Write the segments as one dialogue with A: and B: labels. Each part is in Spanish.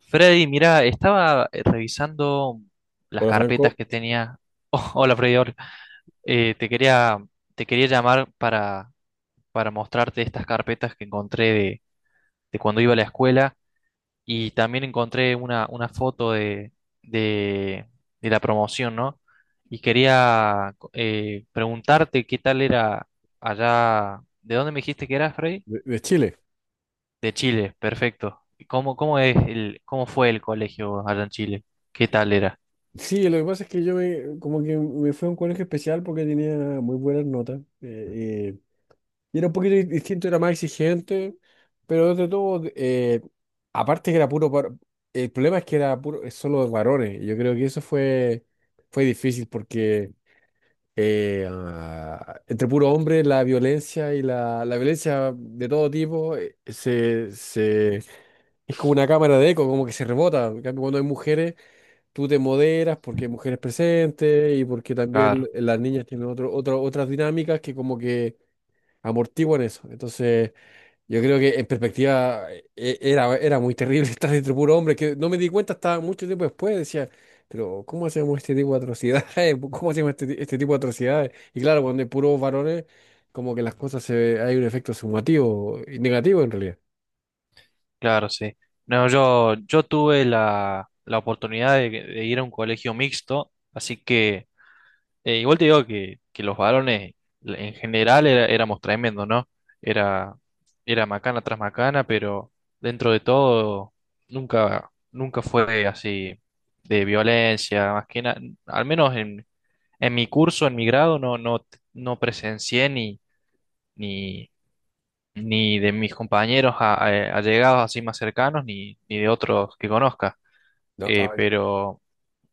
A: Freddy, mira, estaba revisando las
B: Hola,
A: carpetas
B: Franco.
A: que tenía. Oh, hola Freddy, hola. Eh, te quería, te quería llamar para mostrarte estas carpetas que encontré de cuando iba a la escuela y también encontré una foto de, de la promoción, ¿no? Y quería preguntarte qué tal era allá. ¿De dónde me dijiste que eras, Freddy?
B: De Chile.
A: De Chile, perfecto. Cómo es cómo fue el colegio allá en Chile? ¿Qué tal era?
B: Sí, lo que pasa es que yo me, como que me fui a un colegio especial porque tenía muy buenas notas. Y era un poquito distinto, era más exigente, pero de todo, aparte que era puro, el problema es que era puro, es solo de varones. Y yo creo que eso fue difícil porque entre puro hombre la violencia y la violencia de todo tipo, es como una cámara de eco, como que se rebota. En cambio, cuando hay mujeres tú te moderas porque hay mujeres presentes y porque también
A: Claro,
B: las niñas tienen otras dinámicas que como que amortiguan eso. Entonces, yo creo que en perspectiva era muy terrible estar entre puro hombre, que no me di cuenta hasta mucho tiempo después, decía, pero ¿cómo hacemos este tipo de atrocidades? ¿Cómo hacemos este tipo de atrocidades? Y claro, cuando hay puros varones, como que las cosas hay un efecto sumativo y negativo en realidad.
A: claro, sí. No, yo tuve la oportunidad de ir a un colegio mixto, así que igual te digo que los varones en general éramos tremendos, ¿no? Era, era macana tras macana, pero dentro de todo nunca fue así de violencia, más que nada, al menos en mi curso, en mi grado, no presencié ni, ni de mis compañeros allegados así más cercanos, ni de otros que conozca.
B: No,
A: Eh,
B: ay,
A: pero,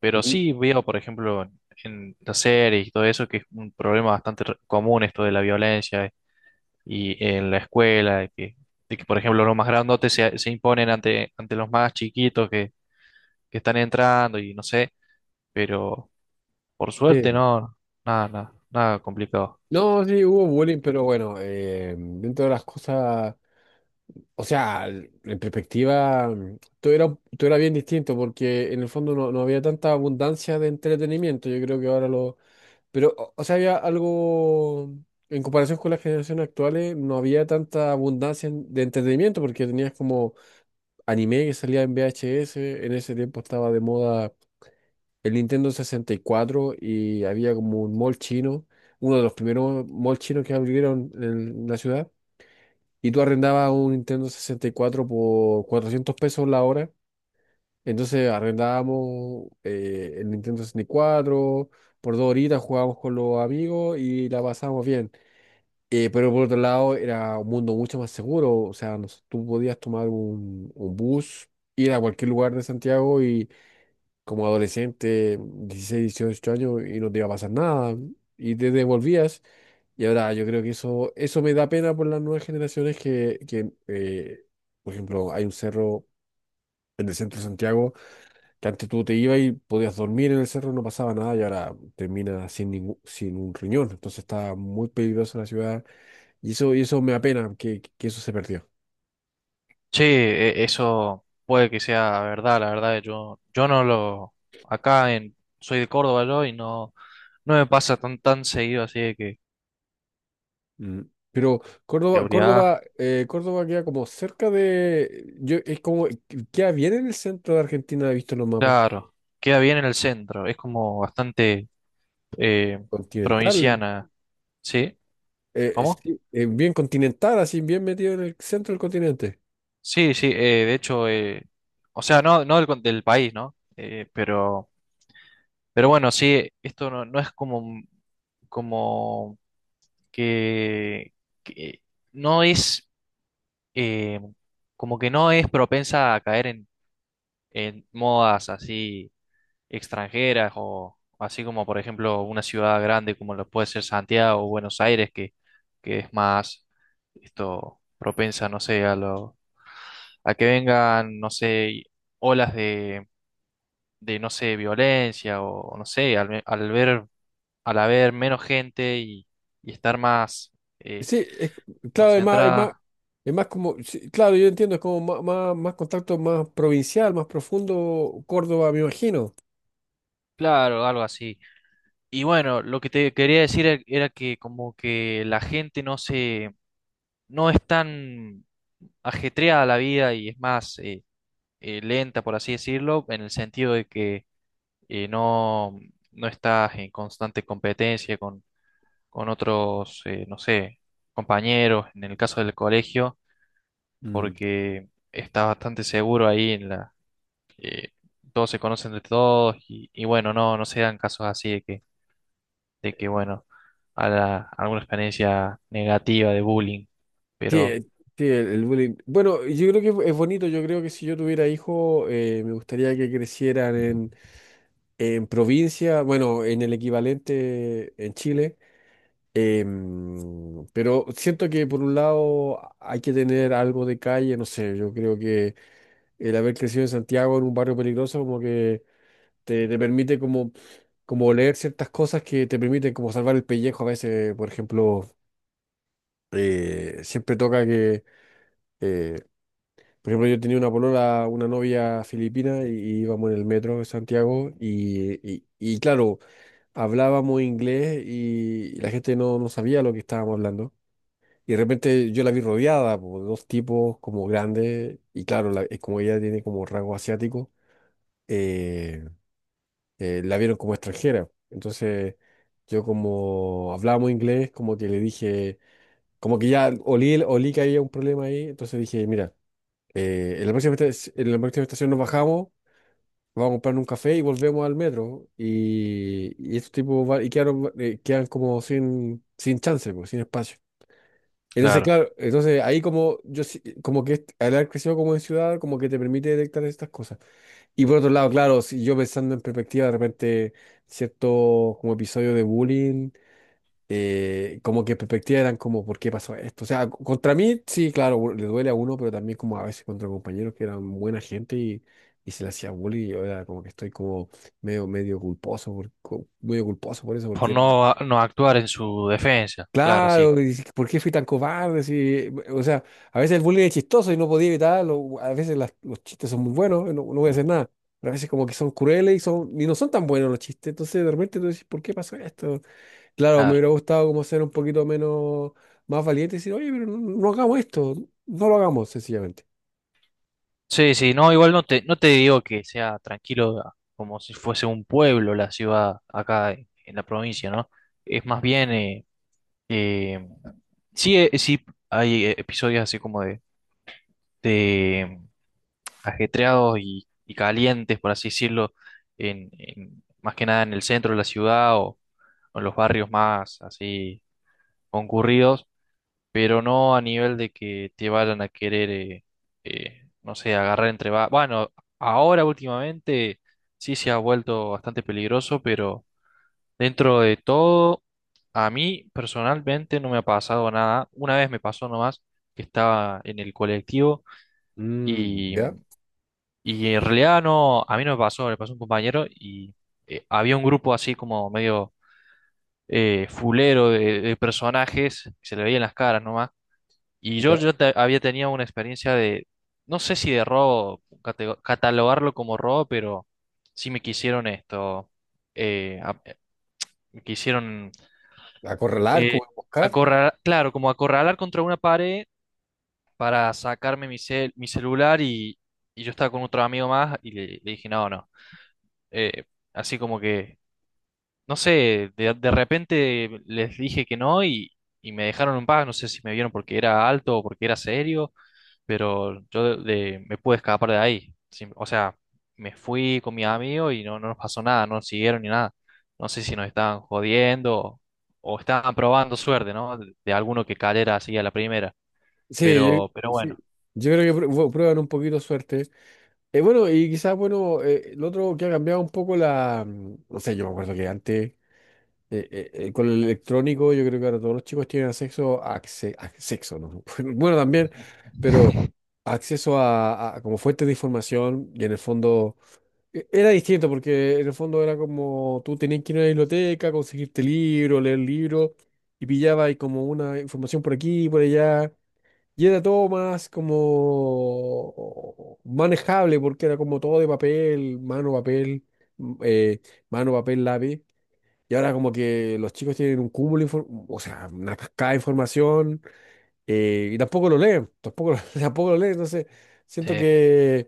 A: pero
B: mm,
A: sí veo, por ejemplo, en las series y todo eso, que es un problema bastante común esto de la violencia y en la escuela, de que, por ejemplo, los más grandotes se imponen ante los más chiquitos que están entrando y no sé, pero por suerte
B: sí.
A: no, nada complicado.
B: No, sí, hubo bullying, pero bueno, dentro de las cosas. O sea, en perspectiva, todo era bien distinto porque en el fondo no había tanta abundancia de entretenimiento. Yo creo que ahora lo. Pero, o sea, había algo, en comparación con las generaciones actuales, no había tanta abundancia de entretenimiento porque tenías como anime que salía en VHS. En ese tiempo estaba de moda el Nintendo 64 y cuatro y había como un mall chino, uno de los primeros malls chinos que abrieron en la ciudad y tú arrendabas un Nintendo 64 por 400 pesos la hora. Entonces arrendábamos el Nintendo 64, por dos horitas jugábamos con los amigos y la pasábamos bien. Pero por otro lado era un mundo mucho más seguro. O sea, tú podías tomar un bus, ir a cualquier lugar de Santiago y como adolescente, 16, 18 años, y no te iba a pasar nada. Y te devolvías. Y ahora yo creo que eso me da pena por las nuevas generaciones que, por ejemplo, hay un cerro en el centro de Santiago que antes tú te ibas y podías dormir en el cerro, no pasaba nada y ahora termina sin ningún, sin un riñón. Entonces está muy peligrosa la ciudad y eso me apena que eso se perdió.
A: Sí, eso puede que sea verdad, la verdad. Yo no lo, acá en, soy de Córdoba yo y no, no me pasa tan seguido así de que
B: Mm. Pero Córdoba,
A: seguridad,
B: Córdoba, eh, Córdoba queda como cerca de, yo, es como, queda bien en el centro de Argentina, he visto en los mapas.
A: claro, queda bien en el centro, es como bastante eh,
B: Continental.
A: provinciana, ¿sí? ¿Cómo?
B: Sí, bien continental, así bien metido en el centro del continente.
A: Sí, sí, de hecho, o sea, no, no del, del país, ¿no? Pero bueno, sí, esto no, no es como, como que, que no es eh, como que no es propensa a caer en modas así extranjeras o así como por ejemplo una ciudad grande como lo puede ser Santiago o Buenos Aires que es más esto propensa, no sé, a lo, a que vengan, no sé, olas de no sé, violencia o no sé, al, al ver, al haber menos gente y estar más eh,
B: Sí, claro, es más, es más,
A: concentrada,
B: es más como, sí, claro, yo entiendo, es como más contacto más provincial, más profundo, Córdoba, me imagino.
A: claro, algo así. Y bueno, lo que te quería decir era que como que la gente no se, no es tan ajetreada la vida y es más lenta, por así decirlo, en el sentido de que no, no estás en constante competencia con otros, no sé, compañeros, en el caso del colegio,
B: Mm.
A: porque estás bastante seguro ahí en la, eh, todos se conocen de todos y bueno, no, no se dan casos así de que, bueno, alguna experiencia negativa de bullying,
B: Sí,
A: pero
B: sí, el bullying. Bueno, yo creo que es bonito, yo creo que si yo tuviera hijos, me gustaría que crecieran en provincia, bueno, en el equivalente en Chile. Pero siento que por un lado hay que tener algo de calle, no sé, yo creo que el haber crecido en Santiago en un barrio peligroso como que te permite como leer ciertas cosas que te permiten como salvar el pellejo a veces. Por ejemplo, siempre toca que, eh, por ejemplo, yo tenía una polola, una novia filipina y íbamos en el metro de Santiago y claro, hablábamos inglés y la gente no sabía lo que estábamos hablando. Y de repente yo la vi rodeada por dos tipos como grandes, y claro, como ella tiene como rasgo asiático, eh, la vieron como extranjera. Entonces yo como hablábamos inglés, como que le dije, como que ya olí, olí que había un problema ahí, entonces dije, mira, en la próxima, en la próxima estación nos bajamos, vamos a comprar un café y volvemos al metro. Y estos tipos y quedan como sin chance, pues, sin espacio. Entonces,
A: Claro,
B: claro, entonces ahí como como que al haber crecido como en ciudad, como que te permite detectar estas cosas. Y por otro lado, claro, si yo pensando en perspectiva, de repente ciertos como episodios de bullying, como que en perspectiva eran como, ¿por qué pasó esto? O sea, contra mí, sí, claro, le duele a uno, pero también como a veces contra compañeros que eran buena gente y se le hacía bullying, y yo era como que estoy como medio culposo, por, medio culposo por eso,
A: por
B: porque eran.
A: no, no actuar en su defensa, claro, sí.
B: Claro, y dices, ¿por qué fui tan cobarde? Si, o sea, a veces el bullying es chistoso y no podía evitarlo. A veces los chistes son muy buenos, no voy a hacer nada, pero a veces como que son crueles y no son tan buenos los chistes. Entonces de repente tú dices, ¿por qué pasó esto? Claro, me
A: Claro,
B: hubiera gustado como ser un poquito más valiente y decir, oye, pero no, hagamos esto, no lo hagamos sencillamente.
A: sí, sí, no, igual no te, no te digo que sea tranquilo como si fuese un pueblo la ciudad acá en la provincia, ¿no? Es más bien, eh, sí, sí, hay episodios así como de, ajetreados y calientes, por así decirlo, en, más que nada en el centro de la ciudad o en los barrios más así concurridos, pero no a nivel de que te vayan a querer, no sé, agarrar entre... Bueno, ahora últimamente sí se ha vuelto bastante peligroso, pero dentro de todo, a mí personalmente no me ha pasado nada. Una vez me pasó nomás que estaba en el colectivo.
B: Mm,
A: y
B: ya,
A: en realidad no, a mí no me pasó, le pasó a un compañero y había un grupo así como medio fulero de personajes, que se le veían las caras nomás. Y
B: ya.
A: había tenido una experiencia de, no sé si de robo, catalogarlo como robo, pero sí me quisieron esto, eh, a- me quisieron
B: Acorralar,
A: eh,
B: como buscar.
A: acorralar, claro, como acorralar contra una pared para sacarme mi, mi celular y yo estaba con otro amigo más y le dije, no, no. Eh, así como que, no sé, de repente les dije que no y me dejaron en paz. No sé si me vieron porque era alto o porque era serio, pero yo me pude escapar de ahí. Sí, o sea, me fui con mis amigos y no, no nos pasó nada, no nos siguieron ni nada. No sé si nos estaban jodiendo o estaban probando suerte, ¿no? De alguno que cayera así a la primera.
B: Sí,
A: Pero
B: Sí.
A: bueno,
B: Yo creo que prueban un poquito suerte. Bueno, y quizás, bueno, lo otro que ha cambiado un poco la. No sé, yo me acuerdo que antes, con el electrónico, yo creo que ahora todos los chicos tienen acceso a sexo, ¿no? Bueno, también, pero acceso a como fuente de información y en el fondo era distinto porque en el fondo era como tú tenías que ir a la biblioteca, conseguirte libro, leer libro y pillabas ahí como una información por aquí y por allá. Y era todo más como manejable, porque era como todo de papel, mano, papel, m- eh, mano, papel, lápiz. Y ahora como que los chicos tienen un cúmulo, o sea, una cascada de información, y tampoco lo leen, tampoco lo, tampoco lo leen. Entonces, siento
A: Sí.
B: que,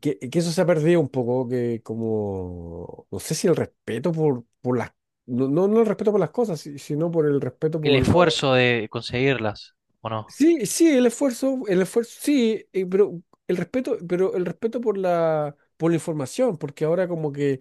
B: que, que eso se ha perdido un poco, que como, no sé si el respeto por las, no, no, no el respeto por las cosas, sino por el respeto
A: El
B: por los.
A: esfuerzo de conseguirlas, ¿o no?
B: Sí, sí, el esfuerzo, sí, pero el respeto por la información, porque ahora como que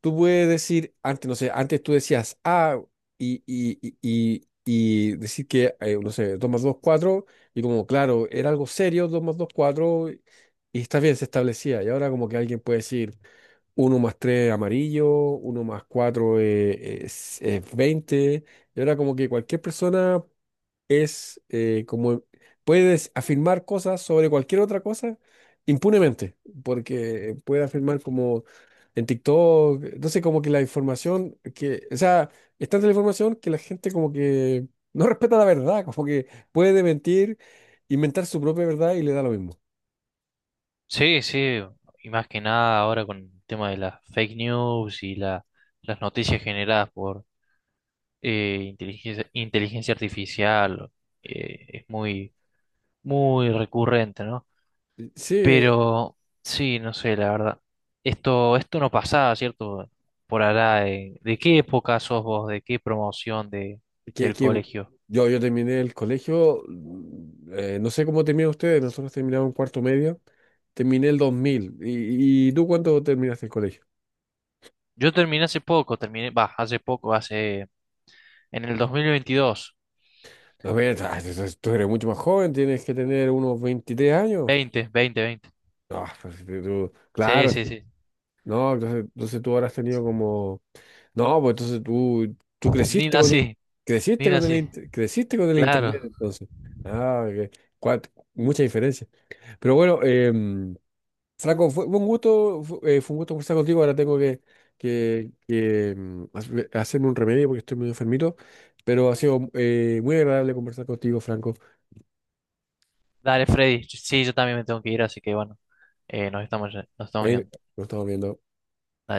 B: tú puedes decir, antes, no sé, antes tú decías ah, y decir que, no sé, 2 más 2 4 y como, claro, era algo serio, 2 más 2 4 y está bien, se establecía, y ahora como que alguien puede decir uno más 3 amarillo, uno más 4 es 20, y ahora como que cualquier persona es como puedes afirmar cosas sobre cualquier otra cosa impunemente, porque puede afirmar como en TikTok. Entonces como que la información o sea, es tanta la información que la gente como que no respeta la verdad, como que puede mentir, inventar su propia verdad y le da lo mismo.
A: Sí, sí, y más que nada ahora con el tema de las fake news y las noticias generadas por inteligencia artificial, es muy recurrente, ¿no?
B: Sí,
A: Pero sí, no sé, la verdad. Esto no pasaba, ¿cierto? Por allá, ¿de qué época sos vos? ¿De qué promoción de,
B: que,
A: del
B: que
A: colegio?
B: yo terminé el colegio, no sé cómo terminan ustedes, nosotros terminamos en cuarto medio, terminé el 2000. ¿Y tú cuándo terminaste el colegio?
A: Yo terminé hace poco, terminé, va, hace poco, hace, en el 2022,
B: No, pero tú eres mucho más joven, tienes que tener unos 23 años.
A: 20, 20, 20.
B: No, pues, si tú,
A: Sí,
B: claro,
A: sí,
B: si,
A: sí.
B: no, entonces tú habrás tenido como. No, pues entonces tú
A: Ni nací. Mira, sí,
B: creciste con el internet,
A: claro.
B: entonces. Ah, ok. Mucha diferencia. Pero bueno, Franco, fue un gusto, un gusto conversar contigo. Ahora tengo que hacerme un remedio porque estoy medio enfermito, pero ha sido muy agradable conversar contigo, Franco.
A: Dale, Freddy. Sí, yo también me tengo que ir, así que bueno, nos estamos
B: Ahí
A: viendo.
B: nos estamos viendo.
A: Dale.